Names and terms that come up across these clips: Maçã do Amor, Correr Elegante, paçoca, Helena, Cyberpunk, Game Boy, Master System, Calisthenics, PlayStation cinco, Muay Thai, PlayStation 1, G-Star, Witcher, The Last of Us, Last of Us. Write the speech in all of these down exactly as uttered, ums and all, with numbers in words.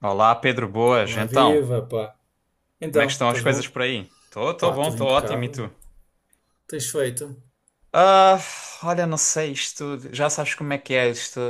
Olá, Pedro Boas. Olá, Então, viva, pá. como é que Então, estão as estás coisas bom? por aí? Tô, tô Pá, bom, tudo tô ótimo, e impecável. tu? Tens feito? Ah, olha, não sei, isto, já sabes como é que é isto.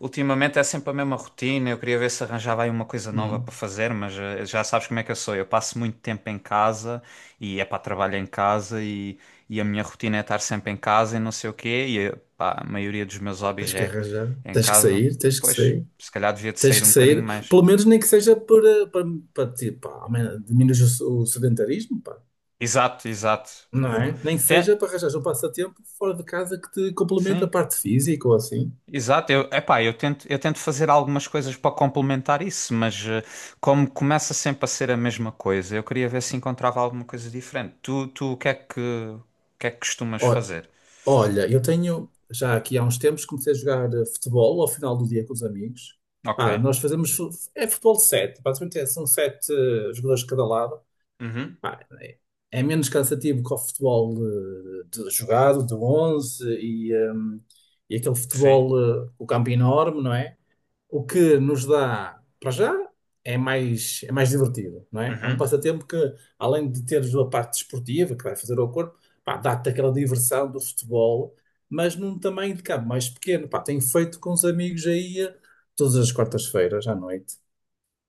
Ultimamente é sempre a mesma rotina. Eu queria ver se arranjava aí uma coisa nova para Hum. fazer, mas eh, já sabes como é que eu sou. Eu passo muito tempo em casa e é para trabalho em casa e, e a minha rotina é estar sempre em casa e não sei o quê. E eh, pá, a maioria dos meus Pá, hobbies tens que é arranjar. em Tens que casa. sair, tens que Pois, sair. se calhar devia de Tens sair que um bocadinho sair. mais. Pelo menos nem que seja para, para, para ti, pá, amen- diminuir o, o sedentarismo, pá. Exato, exato. Não é? Nem que Tem, seja para arranjar um passatempo fora de casa que te complemente a sim. parte física ou assim. Exato, eu, epá, eu tento, eu tento fazer algumas coisas para complementar isso, mas eh, como começa sempre a ser a mesma coisa, eu queria ver se encontrava alguma coisa diferente. Tu, tu, o que é que, o que é que costumas Ó- fazer? Olha, eu tenho, já aqui há uns tempos, comecei a jogar eh, futebol ao final do dia com os amigos. Ok. Pá, nós fazemos, fu- é futebol de sete. Basicamente é- são sete eh, jogadores de cada lado. Uhum. Pá, é é menos cansativo que o futebol, eh, de, jogado, de onze e, ehm, e aquele Sim. futebol, eh, o campo enorme, não é? O que nos dá, para já, é mais, é mais divertido, não é? É um Uhum. passatempo que, além de teres a parte desportiva que vai fazer ao corpo, pá, dá-te aquela diversão do futebol, mas num tamanho de campo mais pequeno. Pá, tenho feito com os amigos aí eh, todas as quartas-feiras à noite.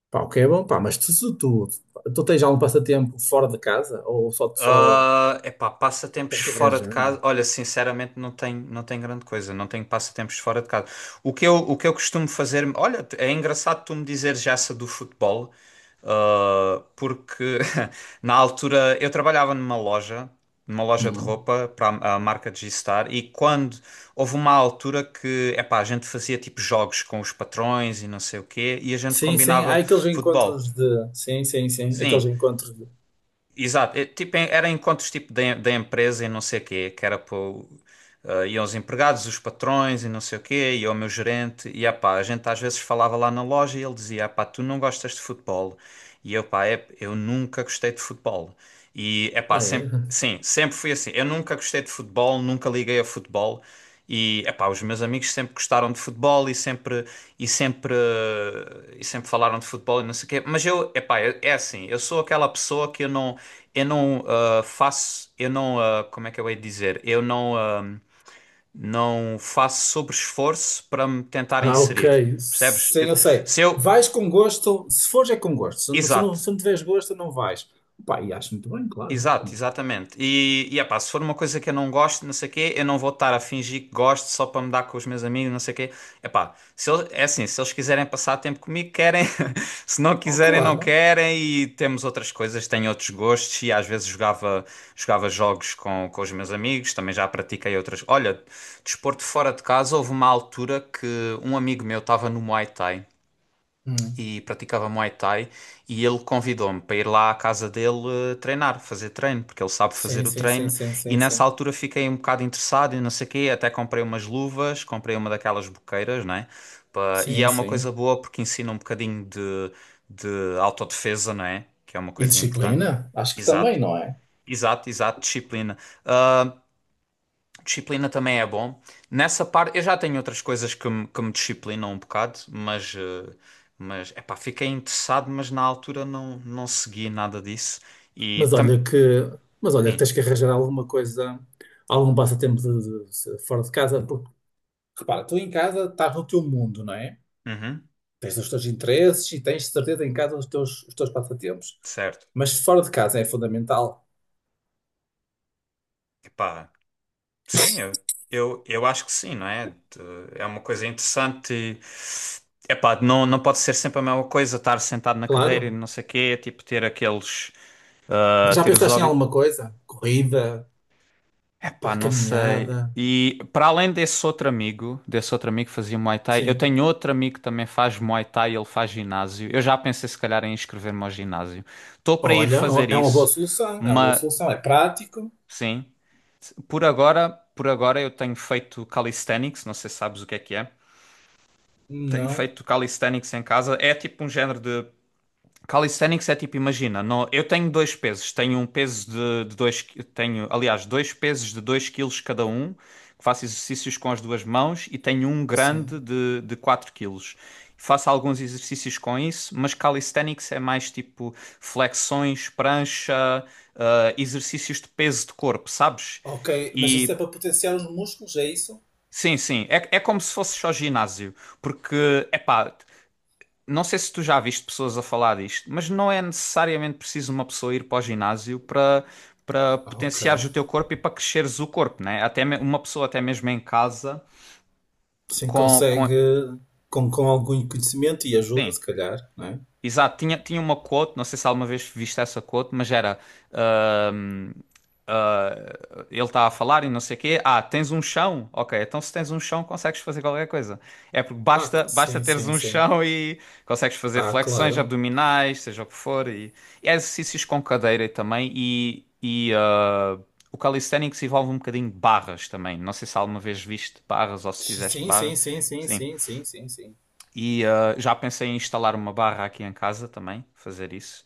Pá, o que é bom. Pá, mas tu, tu, tu, tu tens algum passatempo fora de casa ou só, só Ah, epá, passatempos tens que fora de arranjar, meu? casa. Olha, sinceramente não tenho, não tenho grande coisa, não tenho passatempos fora de casa. O que eu, o que eu costumo fazer, olha, é engraçado tu me dizeres essa do futebol. Uh, porque na altura eu trabalhava numa loja, numa loja de Hum. roupa para a a marca G-Star, e quando houve uma altura que epá, a gente fazia tipo jogos com os patrões e não sei o quê, e a gente Sim, sim, há combinava aqueles futebol. encontros de. Sim, sim, sim, aqueles Sim. encontros de. Exato, é, tipo, em- era encontros tipo da da empresa e não sei o quê, que era para iam os empregados, os patrões e não sei o quê, e o meu gerente, e ah pá, a gente às vezes falava lá na loja e ele dizia, ah pá, tu não gostas de futebol, e eu pá, é, eu nunca gostei de futebol, e é pá, Ah, é? sempre, sim, sempre fui assim, eu nunca gostei de futebol, nunca liguei a futebol, e, epá, os meus amigos sempre gostaram de futebol e sempre, e sempre, eh, e sempre falaram de futebol e não sei o quê. Mas eu, epá, eu- é assim, eu sou aquela pessoa que eu não, eu não ah, faço, eu não, ah, como é que eu hei de dizer? Eu não, ah, não faço sobre esforço para me tentar Ah, inserir, ok. percebes? Sim, Eu- eu sei. se eu, Vais com gosto. Se fores, é com gosto. se não, se não, exato, se não tiveres gosto, não vais. Pá, e acho muito bem, claro. exato, exatamente. E, e epá, se for uma coisa que eu não gosto, não sei o quê, eu não vou estar a fingir que gosto só para me dar com os meus amigos, não sei o quê. Epá, se eles, é assim, se eles quiserem passar tempo comigo, querem. Se não Oh, quiserem, não claro. querem. E temos outras coisas, tenho outros gostos. E às vezes jogava, jogava jogos com, com os meus amigos, também já pratiquei outras. Olha, desporto fora de casa, houve uma altura que um amigo meu estava no Muay Thai Hum. e praticava Muay Thai e ele convidou-me para ir lá à casa dele eh, treinar, fazer treino, porque ele sabe Sim, fazer o sim, sim, treino sim, e sim, nessa sim. altura fiquei um bocado interessado e não sei o quê, até comprei umas luvas, comprei uma daquelas boqueiras, não é? Pa- E Sim, é uma coisa sim. boa porque ensina um bocadinho de, de autodefesa, não é? Que é uma E coisa importante. disciplina? Acho que Exato, também, não é? exato, exato, disciplina. Ah, disciplina também é bom. Nessa parte, eu já tenho outras coisas que me, que me disciplinam um bocado, mas, eh, mas epá, fiquei interessado, mas na altura não, não segui nada disso. E Mas também. olha que, mas olha que Sim, tens que arranjar alguma coisa, algum passatempo de, de- se- fora de casa, porque repara, tu em casa estás no teu mundo, não é? uhum, Tens os teus interesses e tens de certeza em casa os teus, os teus passatempos. certo. Mas fora de casa é fundamental, Epá, sim, eu, eu, eu acho que sim, não é? De- É uma coisa interessante. E, epá, não, não pode ser sempre a mesma coisa, estar sentado na cadeira e claro. não sei o quê, tipo ter aqueles. Mas Ah, já ter os pensaste em hobbies. alguma coisa? Corrida, Epá, pá, não sei. caminhada, E para além desse outro amigo, desse outro amigo que fazia Muay Thai, eu sim. tenho outro amigo que também faz Muay Thai, ele faz ginásio. Eu já pensei se calhar em inscrever-me ao ginásio. Estou para ir Olha, fazer é uma boa isso, solução, é uma boa mas solução, é prático. sim. Por agora, por agora eu tenho feito calisthenics, não sei se sabes o que é que é. Tenho Não, feito calisthenics em casa. É tipo um género de calisthenics é tipo, imagina, no- eu tenho dois pesos, tenho um peso de, de dois, qui- tenho, aliás, dois pesos de dois quilos cada um, que faço exercícios com as duas mãos e tenho um grande sim. de, de quatro quilos. Faço alguns exercícios com isso, mas calisthenics é mais tipo flexões, prancha, ah, exercícios de peso de corpo, sabes? Ok, mas isso é E para potenciar os músculos, é isso? sim, sim, é, é como se fosse só ginásio, porque, epá. Não sei se tu já viste pessoas a falar disto, mas não é necessariamente preciso uma pessoa ir para o ginásio para, para Ok. potenciares o teu corpo e para cresceres o corpo, né? Até me- uma pessoa até mesmo em casa Sim, com, com... consegue com, com algum conhecimento e ajuda, Sim, se calhar, não é? exato. Tinha, tinha uma quote, não sei se alguma vez viste essa quote, mas era eh, ele tá a falar e não sei o quê. Ah, tens um chão? Ok, então se tens um chão, consegues fazer qualquer coisa. É porque Ah, c- basta, basta sim, teres sim, um sim. chão e consegues fazer Ah, flexões claro. abdominais, seja o que for. E, e há exercícios com cadeira também. E, e ah, o calisthenics envolve um bocadinho de barras também. Não sei se alguma vez viste barras ou se fizeste Sim, barra. sim, sim, sim, Sim. sim, sim, sim, sim. E ah, já pensei em instalar uma barra aqui em casa também, fazer isso.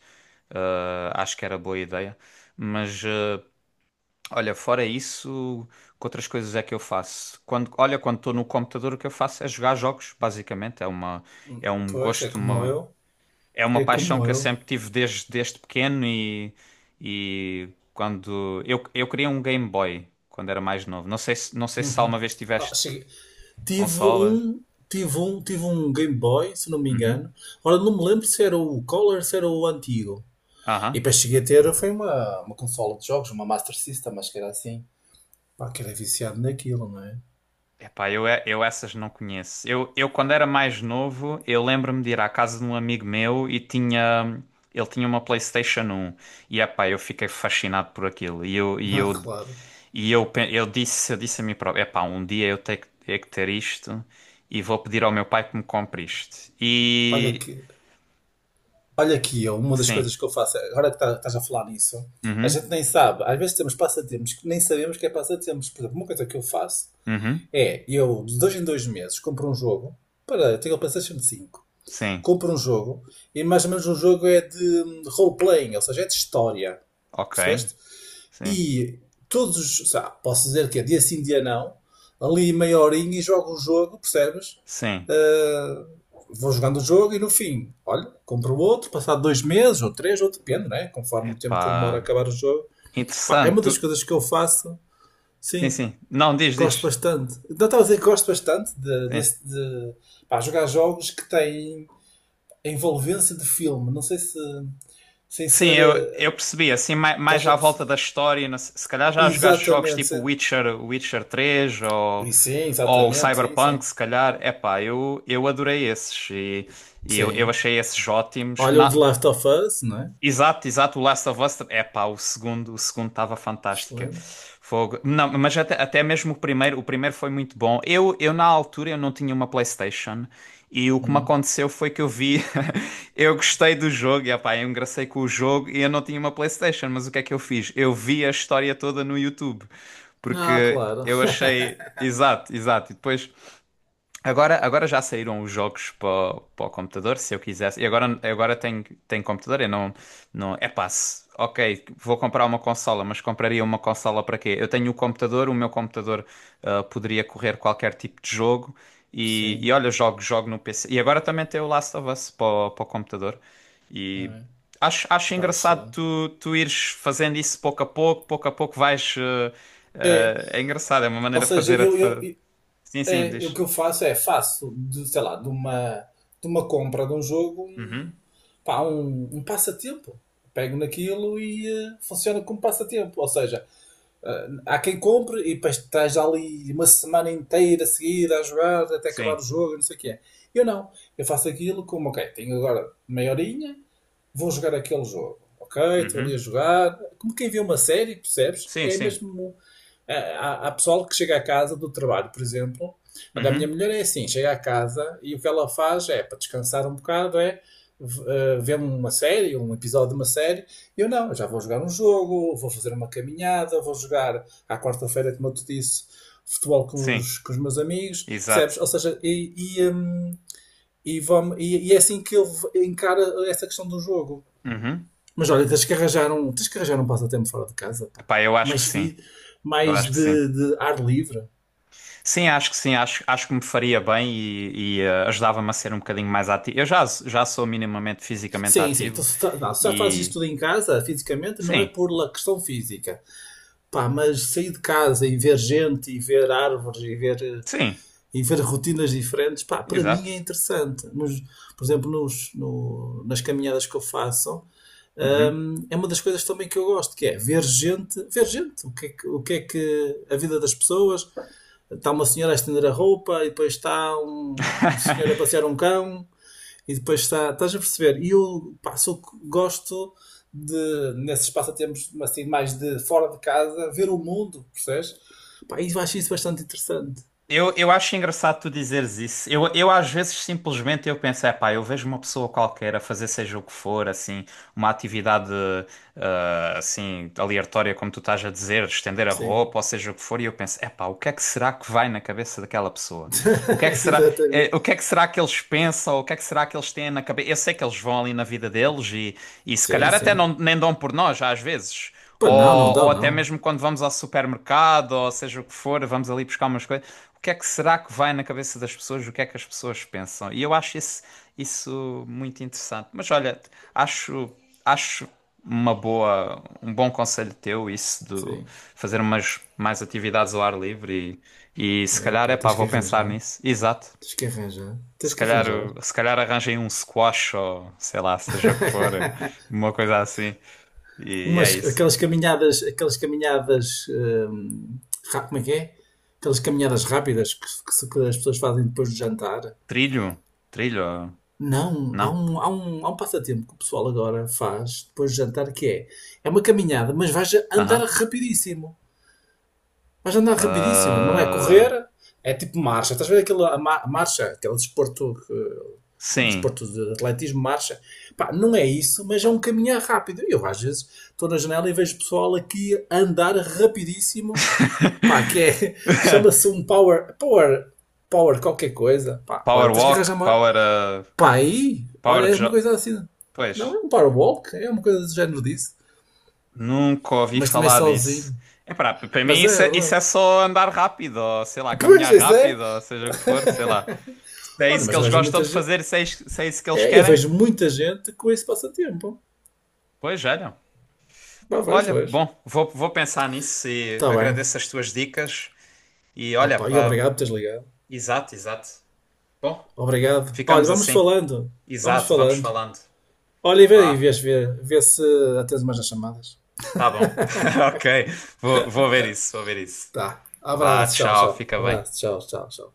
Ah, acho que era boa ideia. Mas. Ah, olha, fora isso, que outras coisas é que eu faço? Quando, olha, quando estou no computador, o que eu faço é jogar jogos, basicamente. É uma, Hum, é um pois, é gosto, como uma, eu. é uma É paixão como que eu eu. sempre tive desde, desde pequeno e, e quando eu, eu queria um Game Boy quando era mais novo. Não sei se, não sei se Uhum. alguma vez Ah, tiveste cheguei- Tive consolas. um, tive um, tive um Game Boy, se não me Uhum. engano. Ora, não me lembro se era o Color, se era o antigo. E Aham. depois cheguei a ter, foi uma, uma consola de jogos, uma Master System, acho que era assim. Pá, que era viciado naquilo, não é? Epá, eu, é, eu essas não conheço. Eu, eu quando era mais novo, eu lembro-me de ir à casa de um amigo meu e tinha, ele tinha uma PlayStation um. E epá, eu fiquei fascinado por aquilo. E eu, e Ah, eu, claro. e eu, pe- eu disse, eu disse a mim próprio, epá, um dia eu tenho que tenho que ter isto e vou pedir ao meu pai que me compre isto. Olha E que Olha aqui, eu, uma das sim. coisas que eu faço, agora que tá- estás a falar nisso, a Uhum. gente nem sabe. Às vezes temos passatempos que nem sabemos que é passatempos. Por exemplo, uma coisa que eu faço Uhum. é, eu de dois em dois meses compro um jogo. Para, eu tenho o PlayStation cinco, Sim. compro um jogo, e mais ou menos um jogo é de hum, role-playing, ou seja, é de história, Ok. percebeste? Sim. E todos os. Posso dizer que é dia sim, dia não. Ali meia horinha e jogo o jogo, percebes? Sim. Ah, vou jogando o jogo e no fim, olha, compro outro, passado dois meses ou três, ou depende, né? Conforme o tempo que demora a Epá, acabar o jogo. Pá, é interessante. uma das Tu... coisas que eu faço, Sim, sim, sim. Não, diz, gosto diz. bastante. Não, estava a dizer que gosto bastante de, Sim. desse- de, pá, jogar jogos que têm a envolvência de filme. Não sei se. Sem Sim, ser. eu, eu eh, percebi, assim, mai- mais, Estás já a à volta perceber? da história, não se se calhar já jogaste jogos tipo Exatamente. Witcher, Witcher três ou, E Sim, ou exatamente, sim, Cyberpunk, sim. se calhar, epá, eu, eu adorei esses e, e eu, eu Sim. achei esses ótimos. Olha o The Na, Last of Us, não é? exato, exato, o Last of Us, é pá, o segundo, o segundo estava fantástico. Excelente. Fogo. Não, mas até, até mesmo o primeiro, o primeiro foi muito bom. Eu, eu na altura eu não tinha uma PlayStation e o que me Hum. aconteceu foi que eu vi, eu gostei do jogo, e epá, eu engracei com o jogo e eu não tinha uma PlayStation, mas o que é que eu fiz? Eu vi a história toda no YouTube, Ah, porque claro. eu achei, exato, exato, e depois agora, agora já saíram os jogos para para o computador, se eu quisesse. E agora, agora tenho, tenho computador, eu não, não... É passe. Ok, vou comprar uma consola, mas compraria uma consola para quê? Eu tenho o computador, o meu computador ah, poderia correr qualquer tipo de jogo. E, e Sim, olha, jogo, jogo no P C. E agora também tem o Last of Us para o para o computador. E é. acho, acho Pá, engraçado excelente. tu, tu ires fazendo isso pouco a pouco, pouco a pouco vais... eh, É, eh, é engraçado, é uma ou maneira de seja, fazer... A, eu, eu, fa- eu- Sim, sim, é, eu- o diz. que eu faço é faço de, sei lá, de uma, de uma compra de um jogo um, Uhum. pá, um, um passatempo. Pego naquilo e eh, funciona como passatempo. Ou seja, ah, há quem compre e depois estás ali uma semana inteira seguida a jogar até acabar o Sim. jogo, não sei o que é. Eu não. Eu faço aquilo como, ok, tenho agora meia horinha, vou jogar aquele jogo. Ok, estou ali a Uhum. jogar. Como quem vê uma série, percebes? Sim, É sim. mesmo. É, Há, há pessoal que chega a casa do trabalho, por exemplo. Olha, a minha Uhum. mulher é assim, chega a casa e o que ela faz é, para descansar um bocado, é eh, ver uma série, um episódio de uma série. Eu não, eu já vou jogar um jogo, vou fazer uma caminhada, vou jogar à quarta-feira, como eu te disse, futebol com Sim. os, com os meus amigos, percebes? Exato. Ou seja, e, e, hum, e, vamo- e- e é assim que ele v- encara essa questão do jogo. Uhum. Mas olha, tens que arranjar um, tens que arranjar um passatempo fora de casa, pá. Epá, eu acho que Mais, sim. fi, Eu mais acho que sim. de, de, ar livre. Sim, acho que sim. Acho, acho que me faria bem e, e, eh, ajudava-me a ser um bocadinho mais ativo. Eu já, já sou minimamente fisicamente Sim, sim. ativo Então, se, tá- não, se já fazes isso e. tudo em casa, fisicamente, não é Sim. por la questão física. Pá, mas sair de casa e ver gente, e ver árvores, e ver, eh, Sim. e ver rotinas diferentes, pá, para mim é Exato. interessante. Nos- por exemplo, nos, no- nas caminhadas que eu faço, Uhum. hum, é uma das coisas também que eu gosto, que é ver gente, ver gente, o que é que, o que, é que a vida das pessoas. Está uma senhora a estender a roupa e depois está um, um senhor a passear um cão, e depois está, estás a perceber? E eu, pá, sou- gosto, de, nesses passatempos assim, mais de fora de casa, ver o mundo, percebes? Pá, e eu acho isso bastante interessante. Eu, eu acho engraçado tu dizeres isso. Eu, eu às vezes simplesmente eu penso, é pá, eu vejo uma pessoa qualquer a fazer seja o que for, assim, uma atividade ah, assim, aleatória, como tu estás a dizer, estender a Sim, roupa, ou seja o que for, e eu penso, epá, o que é que será que vai na cabeça daquela pessoa? O que é que será, eh, exatamente. o que é que será que eles pensam? O que é que será que eles têm na cabeça? Eu sei que eles vão ali na vida deles e, e se Sim, calhar até não, sim. nem dão por nós, às vezes. Pá, não, não Ou, dá, ou até não. mesmo quando vamos ao supermercado, ou seja o que for, vamos ali buscar umas coisas. O que é que será que vai na cabeça das pessoas? O que é que as pessoas pensam? E eu acho isso, isso muito interessante. Mas olha, acho, acho uma boa, um bom conselho teu, isso de Sim. fazer umas mais atividades ao ar livre e, e se É, calhar, pá, é pá, tens que vou pensar arranjar. nisso. Exato. Tens que arranjar. Tens Se que calhar, arranjar. uh, se calhar arranjem um squash ou sei lá, seja o que for, uh, uma coisa assim. E é Umas, isso. Aquelas caminhadas, aquelas caminhadas, hum, ra- como é que é? Aquelas caminhadas rápidas que, que se- que as pessoas fazem depois do jantar. Trilho? Trilho? uh, Não, há Não. um, há um, há um passatempo que o pessoal agora faz depois do jantar que é, é uma caminhada, mas vais a andar Aham. rapidíssimo. Mas andar rapidíssimo, não é Ah, correr, é tipo marcha. Estás a ver aquela a ma- marcha, aquele desporto, eh, um sim. desporto de atletismo, marcha. Pá, não é isso, mas é um caminhar rápido. Eu às vezes estou na janela e vejo pessoal aqui a andar rapidíssimo, pá, que é, chama-se um power, power, power qualquer coisa. Pá, olha, Power tens que arranjar walk, uma, power, uh, pá, aí, olha, power é uma jog. coisa assim. Não, Pois. é um power walk, é uma coisa do género disso, Nunca ouvi mas também falar disso. sozinho. Epá, p- para mim Mas é, isso é é, isso verdade. é só andar rápido, ou sei lá, Pois, caminhar isso é. rápido, ou seja o que for, sei lá. Se é Olha, isso que mas eu eles vejo gostam muita de gente. fazer, se é isso, se é isso que eles É, eu querem, vejo muita gente com esse passatempo. pois olha. Pá, Pá, vejo, olha, vejo. bom, vou, vou pensar nisso e Está bem. agradeço as tuas dicas. E olha, Opa, e pá, obrigado por teres ligado. exato, exato. Bom, Obrigado. Olha, ficamos vamos assim. falando. Vamos Exato, vamos falando. falando. Olha, e vê, e Vá, vês, vê, vê se atendes mais nas chamadas. tá bom. Ok, vou, vou ver isso, vou ver isso. Tá. Vá, Abraço, tchau, tchau, tchau. fica bem. Abraço, tchau, tchau, tchau.